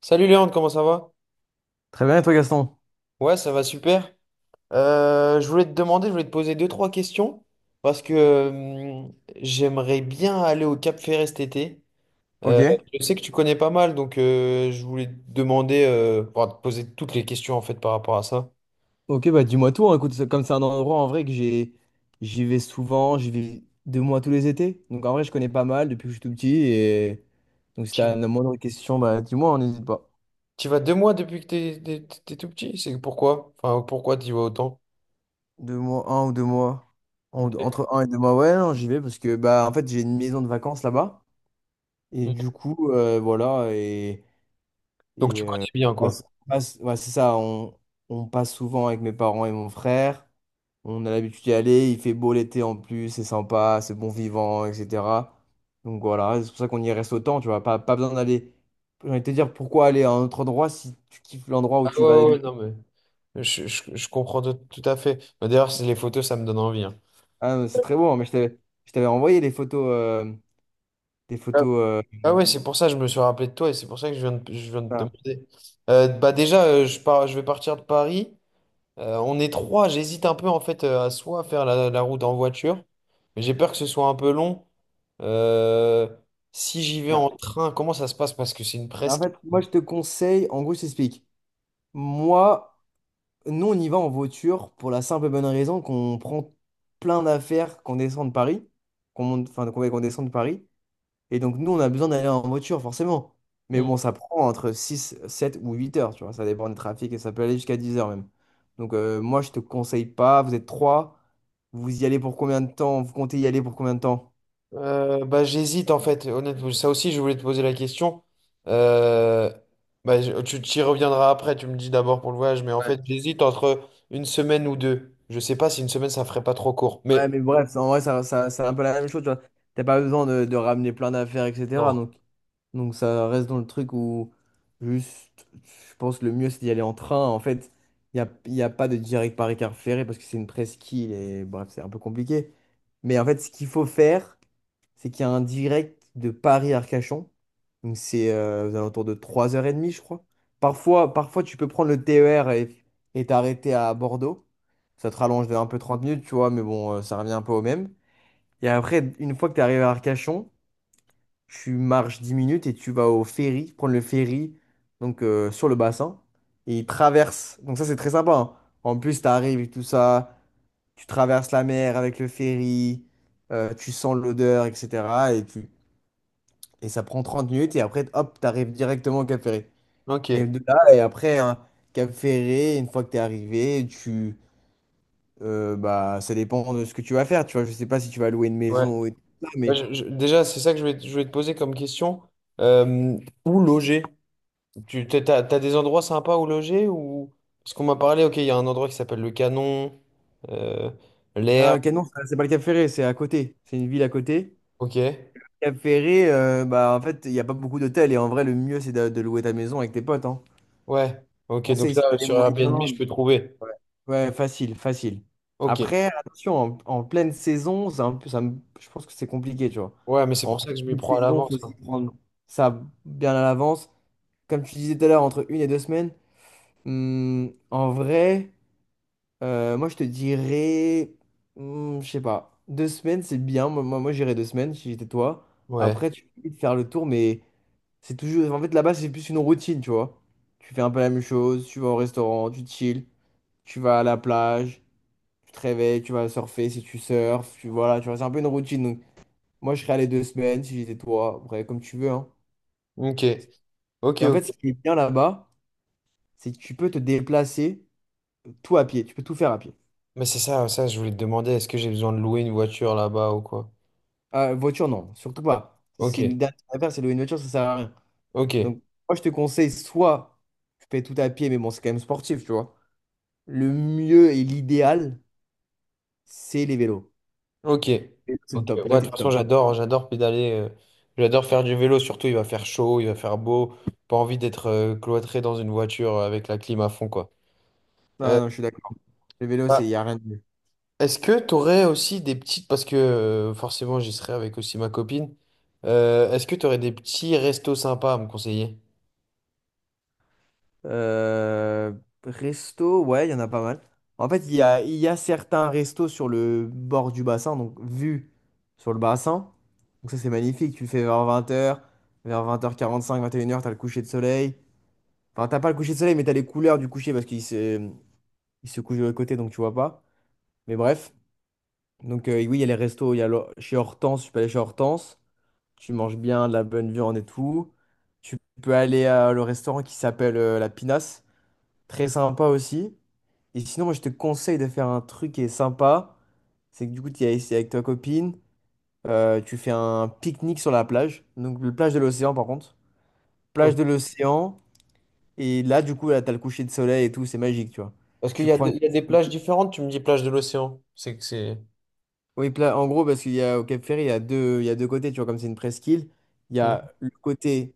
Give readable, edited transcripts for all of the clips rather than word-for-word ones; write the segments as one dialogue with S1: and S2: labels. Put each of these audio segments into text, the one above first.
S1: Salut Léandre, comment ça va?
S2: Très bien, et toi, Gaston?
S1: Ouais, ça va super. Je voulais te demander, je voulais te poser deux, trois questions parce que j'aimerais bien aller au Cap Ferret cet été. Euh,
S2: Ok.
S1: je sais que tu connais pas mal, donc je voulais te demander, enfin, te poser toutes les questions en fait par rapport à ça.
S2: Ok, bah dis-moi tout, hein. Écoute, comme c'est un endroit en vrai j'y vais souvent, j'y vais 2 mois tous les étés. Donc en vrai, je connais pas mal depuis que je suis tout petit. Et donc si t'as
S1: Tu,
S2: la moindre question, bah dis-moi, on n'hésite pas.
S1: tu vas deux mois depuis que t'es tout petit, c'est pourquoi? Enfin, pourquoi tu y vas autant?
S2: 2 mois, 1 ou 2 mois.
S1: Ok.
S2: Entre 1 et 2 mois, ouais, non, j'y vais parce que, bah, en fait, j'ai une maison de vacances là-bas. Et
S1: Mm.
S2: du coup, voilà,
S1: Donc
S2: Et
S1: tu
S2: euh,
S1: connais bien quoi.
S2: ouais, c'est ça, on passe souvent avec mes parents et mon frère. On a l'habitude d'y aller, il fait beau l'été en plus, c'est sympa, c'est bon vivant, etc. Donc voilà, c'est pour ça qu'on y reste autant, tu vois. Pas besoin d'aller. J'ai envie de te dire pourquoi aller à un autre endroit si tu kiffes l'endroit où
S1: Ah ouais,
S2: tu vas
S1: ouais, ouais,
S2: d'habitude.
S1: non mais je comprends tout, tout à fait. D'ailleurs, c'est- les photos, ça me donne envie, hein.
S2: Ah, mais c'est très beau, hein, mais je t'avais envoyé les photos, des photos.
S1: Ah ouais, c'est pour ça que je me suis rappelé de toi et c'est pour ça que je viens de te
S2: Ah,
S1: demander. Bah déjà, je pars, je vais partir de Paris. On est trois. J'hésite un peu en fait à soit faire la route en voiture, mais j'ai peur que ce soit un peu long. Euh, si j'y vais
S2: ah.
S1: en train, comment ça se passe? Parce que c'est une
S2: En
S1: presque.
S2: fait, moi je te conseille, en gros, je t'explique. Moi. Nous, on y va en voiture pour la simple et bonne raison qu'on prend plein d'affaires, qu'on descend de Paris, qu'on monte, enfin, qu'on descend de Paris. Et donc, nous, on a besoin d'aller en voiture, forcément. Mais
S1: Hmm.
S2: bon, ça prend entre 6, 7 ou 8 heures, tu vois. Ça dépend du trafic et ça peut aller jusqu'à 10 heures même. Donc, moi, je te conseille pas. Vous êtes trois. Vous y allez pour combien de temps? Vous comptez y aller pour combien de temps?
S1: J'hésite en fait, honnêtement. Ça aussi, je voulais te poser la question. Euh, bah, je- tu y reviendras après, tu me dis d'abord pour le voyage, mais en fait,
S2: Ouais.
S1: j'hésite entre une semaine ou deux. Je sais pas si une semaine, ça ferait pas trop court,
S2: Ouais,
S1: mais
S2: mais bref, en vrai, c'est un peu la même chose, tu vois. T'as pas besoin de ramener plein d'affaires, etc.
S1: non.
S2: Donc, Donc ça reste dans le truc où juste, je pense le mieux c'est d'y aller en train. En fait, il y a pas de direct Paris-Car Ferré parce que c'est une presqu'île et bref, c'est un peu compliqué. Mais en fait, ce qu'il faut faire, c'est qu'il y a un direct de Paris-Arcachon. Donc c'est aux alentours de 3h30, je crois. Parfois, parfois, tu peux prendre le TER et t'arrêter à Bordeaux. Ça te rallonge de un peu 30 minutes, tu vois, mais bon, ça revient un peu au même. Et après, une fois que tu arrivé à Arcachon, tu marches 10 minutes et tu vas au ferry, prendre le ferry donc sur le bassin et il traverse. Donc ça c'est très sympa, hein. En plus tu arrives et tout ça, tu traverses la mer avec le ferry, tu sens l'odeur, etc. Et ça prend 30 minutes et après hop, tu arrives directement au Cap Ferré.
S1: Ok,
S2: Et de là, et après, hein, Cap Ferré, une fois que tu es arrivé, tu bah ça dépend de ce que tu vas faire, tu vois, je sais pas si tu vas louer une
S1: ouais.
S2: maison ou tout ça,
S1: Bah,
S2: mais
S1: je- déjà, c'est ça que je voulais te poser comme question. Euh, où loger? Tu t'as des endroits sympas où loger ou... Parce qu'on m'a parlé, ok, il y a un endroit qui s'appelle le Canon, euh, l'air,
S2: non, Canon, c'est pas le Cap Ferré, c'est à côté, c'est une ville à côté.
S1: ok.
S2: Cap Ferré, bah, en fait, il n'y a pas beaucoup d'hôtels et en vrai, le mieux, c'est de louer ta maison avec tes potes, hein.
S1: Ouais, ok, donc
S2: Conseil,
S1: là,
S2: si t'as les
S1: sur Airbnb, je
S2: moyens.
S1: peux trouver.
S2: Ouais, facile, facile.
S1: Ok.
S2: Après, attention, en pleine saison, c'est un peu, je pense que c'est compliqué, tu vois.
S1: Ouais, mais c'est
S2: En
S1: pour ça que je m'y
S2: pleine
S1: prends à
S2: saison,
S1: l'avance,
S2: faut
S1: hein.
S2: s'y prendre ça bien à l'avance. Comme tu disais tout à l'heure, entre 1 et 2 semaines, en vrai, moi, je te dirais, je sais pas, 2 semaines, c'est bien. Moi, moi, moi, j'irais 2 semaines si j'étais toi.
S1: Ouais.
S2: Après, tu peux vite faire le tour, mais. C'est toujours. En fait, là-bas, c'est plus une routine, tu vois. Tu fais un peu la même chose, tu vas au restaurant, tu chill, tu vas à la plage, tu te réveilles, tu vas surfer si tu surfes, tu voilà, tu vois, c'est un peu une routine. Donc, moi, je serais allé 2 semaines si j'étais toi, après, comme tu veux, hein.
S1: Ok. Ok,
S2: Et en fait,
S1: ok.
S2: ce qui est bien là-bas, c'est que tu peux te déplacer tout à pied, tu peux tout faire à pied.
S1: Mais c'est ça, ça, je voulais te demander, est-ce que j'ai besoin de louer une voiture là-bas ou quoi?
S2: Voiture, non, surtout pas. Ça, c'est une
S1: Ok.
S2: dernière affaire, c'est louer une voiture, ça sert à rien.
S1: Ok.
S2: Donc, moi, je te conseille soit tu fais tout à pied, mais bon, c'est quand même sportif, tu vois. Le mieux et l'idéal, c'est les vélos.
S1: Ok.
S2: C'est le
S1: Ok.
S2: top. Là,
S1: Ouais, de
S2: t'es
S1: toute
S2: le
S1: façon,
S2: top.
S1: j'adore, j'adore pédaler. J'adore faire du vélo, surtout il va faire chaud, il va faire beau. Pas envie d'être cloîtré dans une voiture avec la clim à fond, quoi. Euh,
S2: Non, non, je suis d'accord. Le vélo,
S1: bah,
S2: c'est, il n'y a rien de mieux.
S1: est-ce que tu aurais aussi des petites, parce que forcément j'y serai avec aussi ma copine. Est-ce que tu aurais des petits restos sympas à me conseiller?
S2: Euh, Resto, ouais, il y en a pas mal. En fait, il y a certains restos sur le bord du bassin, donc vue sur le bassin. Donc ça, c'est magnifique. Tu le fais vers 20 heures, vers 20h45, 21 heures, t'as le coucher de soleil. Enfin, t'as pas le coucher de soleil, mais t'as les couleurs du coucher parce qu'il se couche de l'autre côté, donc tu vois pas. Mais bref. Donc oui, il y a les restos. Il y a le- Chez Hortense, je suis pas allé chez Hortense. Tu manges bien, de la bonne viande et tout. Tu peux aller à le restaurant qui s'appelle La Pinasse, très sympa aussi. Et sinon, moi, je te conseille de faire un truc qui est sympa. C'est que du coup, tu es ici avec ta copine, tu fais un pique-nique sur la plage. Donc, le plage de l'océan, par contre. Plage de l'océan. Et là, du coup, là, t'as le coucher de soleil et tout, c'est magique, tu vois.
S1: Parce qu'il
S2: Tu
S1: y a,
S2: prends
S1: de-
S2: une-
S1: il y a des plages différentes, tu me dis plage de l'océan. C'est que c'est.
S2: Oui, en gros, parce qu'il y a au Cap Ferry, il y a deux côtés, tu vois, comme c'est une presqu'île. Il y
S1: Hmm.
S2: a le côté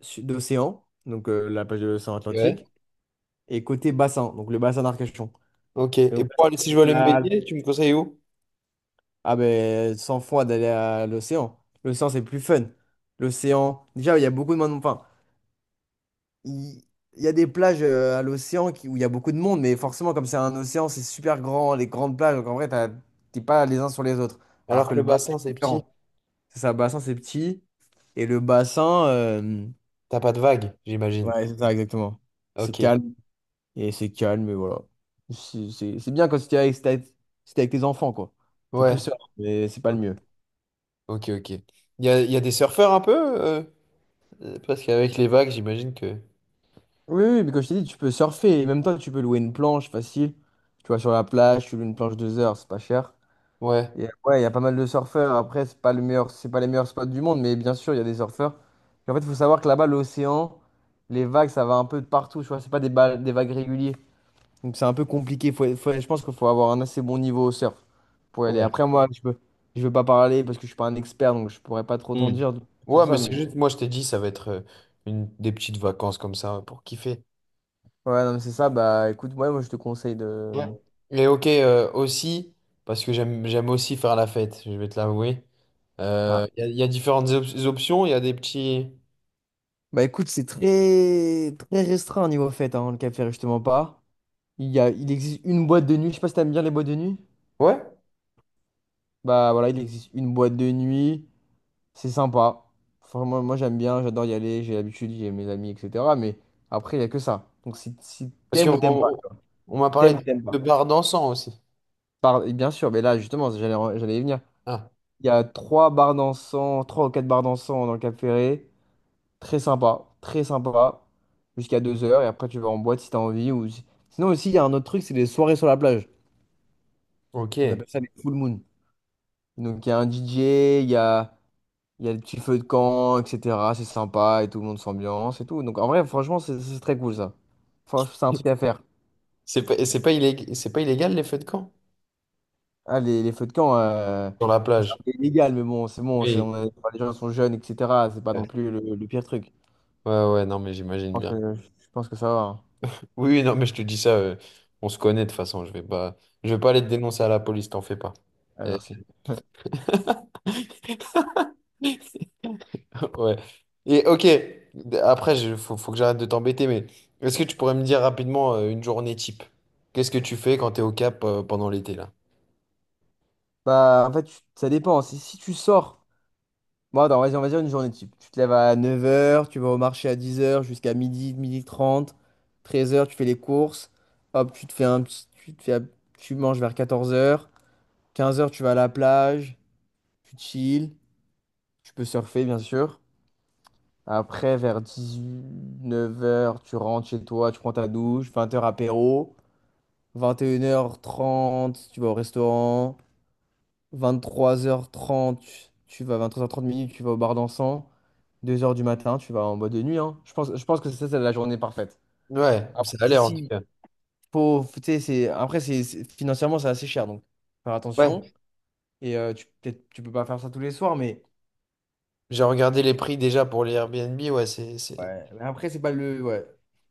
S2: d'océan, donc la plage de l'océan
S1: Ouais.
S2: Atlantique, et côté bassin, donc le bassin d'Arcachon.
S1: Ok.
S2: Et
S1: Et
S2: donc, là,
S1: pour aller, si je
S2: c'est
S1: veux
S2: très
S1: aller me
S2: calme.
S1: baigner, tu me conseilles où?
S2: Ah ben, sans froid d'aller à l'océan. L'océan, c'est plus fun. L'océan, déjà, il y a beaucoup de monde. Enfin, il il y a des plages à l'océan où il y a beaucoup de monde, mais forcément, comme c'est un océan, c'est super grand, les grandes plages, donc en vrai, t'es pas les uns sur les autres. Alors
S1: Alors
S2: que
S1: que le
S2: le bassin,
S1: bassin, c'est
S2: c'est
S1: petit,
S2: différent. C'est ça, le bassin, c'est petit, et le bassin,
S1: t'as pas de vagues, j'imagine.
S2: ouais, c'est ça, exactement. C'est
S1: Ok.
S2: calme. Et c'est calme, mais voilà. C'est bien quand c'était avec, c'était t'es avec, si t'es avec tes enfants, quoi. T'es
S1: Ouais.
S2: plus seul, mais c'est pas le
S1: Ok,
S2: mieux.
S1: ok, ok. Il y a des surfeurs un peu euh, parce qu'avec les vagues, j'imagine que.
S2: Oui, oui, mais quand je t'ai dit, tu peux surfer. Et même toi, tu peux louer une planche facile. Tu vois, sur la plage, tu loues une planche 2 heures, c'est pas cher.
S1: Ouais.
S2: Et ouais, il y a pas mal de surfeurs. Après, c'est pas les meilleurs spots du monde, mais bien sûr, il y a des surfeurs. Et en fait, il faut savoir que là-bas, l'océan, les vagues, ça va un peu de partout. Tu vois, c'est pas des, ba- des vagues régulières. Donc c'est un peu compliqué. Je pense qu'il faut avoir un assez bon niveau au surf pour y aller.
S1: Ouais.
S2: Après, moi, je veux pas parler parce que je suis pas un expert, donc je pourrais pas trop t'en
S1: Hmm.
S2: dire sur
S1: Ouais,
S2: ça.
S1: mais c'est
S2: Mais
S1: juste, moi, je t'ai dit, ça va être une, des petites vacances comme ça pour kiffer.
S2: ouais, non, mais c'est ça. Bah écoute, ouais, moi, je te conseille de.
S1: Ouais. Les hockey aussi, parce que j'aime aussi faire la fête, je vais te l'avouer.
S2: Ah.
S1: Il y, a il y a différentes op- options, il y a des petits...
S2: Bah écoute, c'est très très restreint au niveau fête, hein, le café, justement pas. Il existe une boîte de nuit. Je sais pas si t'aimes bien les boîtes de nuit.
S1: Ouais,
S2: Bah voilà, il existe une boîte de nuit. C'est sympa. Enfin, moi, j'aime bien, j'adore y aller, j'ai l'habitude, j'ai mes amis, etc. Mais après, il y a que ça. Donc si
S1: parce
S2: t'aimes
S1: qu'on
S2: ou t'aimes pas.
S1: on m'a parlé
S2: T'aimes ou t'aimes
S1: de
S2: pas?
S1: bar dansant aussi.
S2: Bien sûr, mais là, justement, j'allais y venir.
S1: Ah,
S2: Il y a trois bars dansants, trois ou quatre bars dansants dans le Cap Ferré. Très sympa, très sympa. Jusqu'à 2 heures. Et après, tu vas en boîte si t'as envie. Ou... si- Sinon, aussi, il y a un autre truc, c'est les soirées sur la plage. On
S1: ok.
S2: appelle ça les full moon. Donc, il y a un DJ, il y a le petit feu de camp, etc. C'est sympa et tout le monde s'ambiance et tout. Donc, en vrai, franchement, c'est très cool ça. C'est un truc à faire.
S1: C'est pas illég- c'est pas illégal les feux de camp
S2: Ah, les feux de camp,
S1: sur la
S2: bon, c'est un
S1: plage.
S2: peu illégal, mais bon, c'est bon,
S1: Oui.
S2: enfin, les gens sont jeunes, etc. C'est pas
S1: Ouais,
S2: non plus le pire truc. Je
S1: ouais, non, mais j'imagine
S2: pense
S1: bien.
S2: que, je pense que ça va, hein.
S1: Oui, oui, non, mais je te dis ça, on se connaît de toute façon, je vais pas aller te dénoncer à la police, t'en fais pas.
S2: Ah,
S1: Euh,
S2: merci.
S1: Ouais. Et ok, après, il faut, faut que j'arrête de t'embêter, mais est-ce que tu pourrais me dire rapidement une journée type? Qu'est-ce que tu fais quand t'es au Cap pendant l'été là?
S2: Bah, en fait, ça dépend. Si tu sors, bon, attends, vas-y, on va dire une journée type. Tu te lèves à 9h, tu vas au marché à 10h jusqu'à midi, midi trente, 13 heures, tu fais les courses. Hop, tu te fais un petit, tu te fais, un- tu manges vers 14h, 15h, tu vas à la plage, tu chill, tu peux surfer, bien sûr. Après, vers 19 heures, tu rentres chez toi, tu prends ta douche, 20 heures apéro, 21h30, tu vas au restaurant, 23h30, tu vas 23h30, tu vas au bar dansant, 2h du matin, tu vas en boîte de nuit, hein. Je pense que ça, c'est la journée parfaite.
S1: Ouais,
S2: Après,
S1: ça a
S2: si,
S1: l'air en tout
S2: si,
S1: cas.
S2: faut, faut- tu sais, financièrement, c'est assez cher, donc faire attention.
S1: Ouais,
S2: Et tu, peut-être, tu peux pas faire ça tous les soirs, mais
S1: j'ai regardé les prix déjà pour les Airbnb, ouais,
S2: ouais, mais après, c'est pas le. Ouais.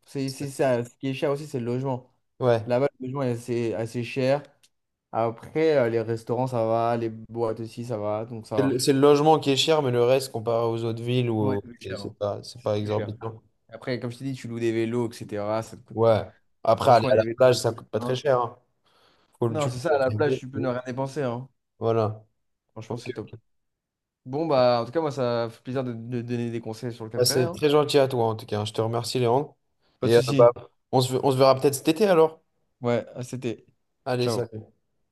S2: C'est
S1: c'est-
S2: ça. Ce qui est cher aussi, c'est le logement.
S1: ouais.
S2: Là-bas, le logement est assez, assez cher. Après, les restaurants, ça va. Les boîtes aussi, ça va. Donc, ça va.
S1: C'est le logement qui est cher, mais le reste comparé aux autres villes, ou
S2: Ouais,
S1: au-
S2: c'est plus cher, hein.
S1: c'est
S2: C'est
S1: pas
S2: plus cher.
S1: exorbitant.
S2: Après, comme je t'ai dit, tu loues des vélos, etc. Ça te coûte-
S1: Ouais. Après, aller
S2: Franchement,
S1: à
S2: les
S1: la
S2: vélos,
S1: plage, ça coûte pas très
S2: non,
S1: cher, hein. Faut le
S2: non,
S1: tuer.
S2: c'est ça. À la plage, tu peux ne rien dépenser, hein.
S1: Voilà.
S2: Franchement,
S1: Ok.
S2: c'est top. Bon, bah, en tout cas, moi, ça fait plaisir de donner des conseils sur le Cap
S1: Bah,
S2: Ferret,
S1: c'est
S2: hein.
S1: très gentil à toi en tout cas, hein. Je te remercie, Léandre.
S2: Pas de
S1: Et bah,
S2: souci.
S1: on se verra peut-être cet été alors.
S2: Ouais, c'était.
S1: Allez,
S2: Ciao.
S1: salut.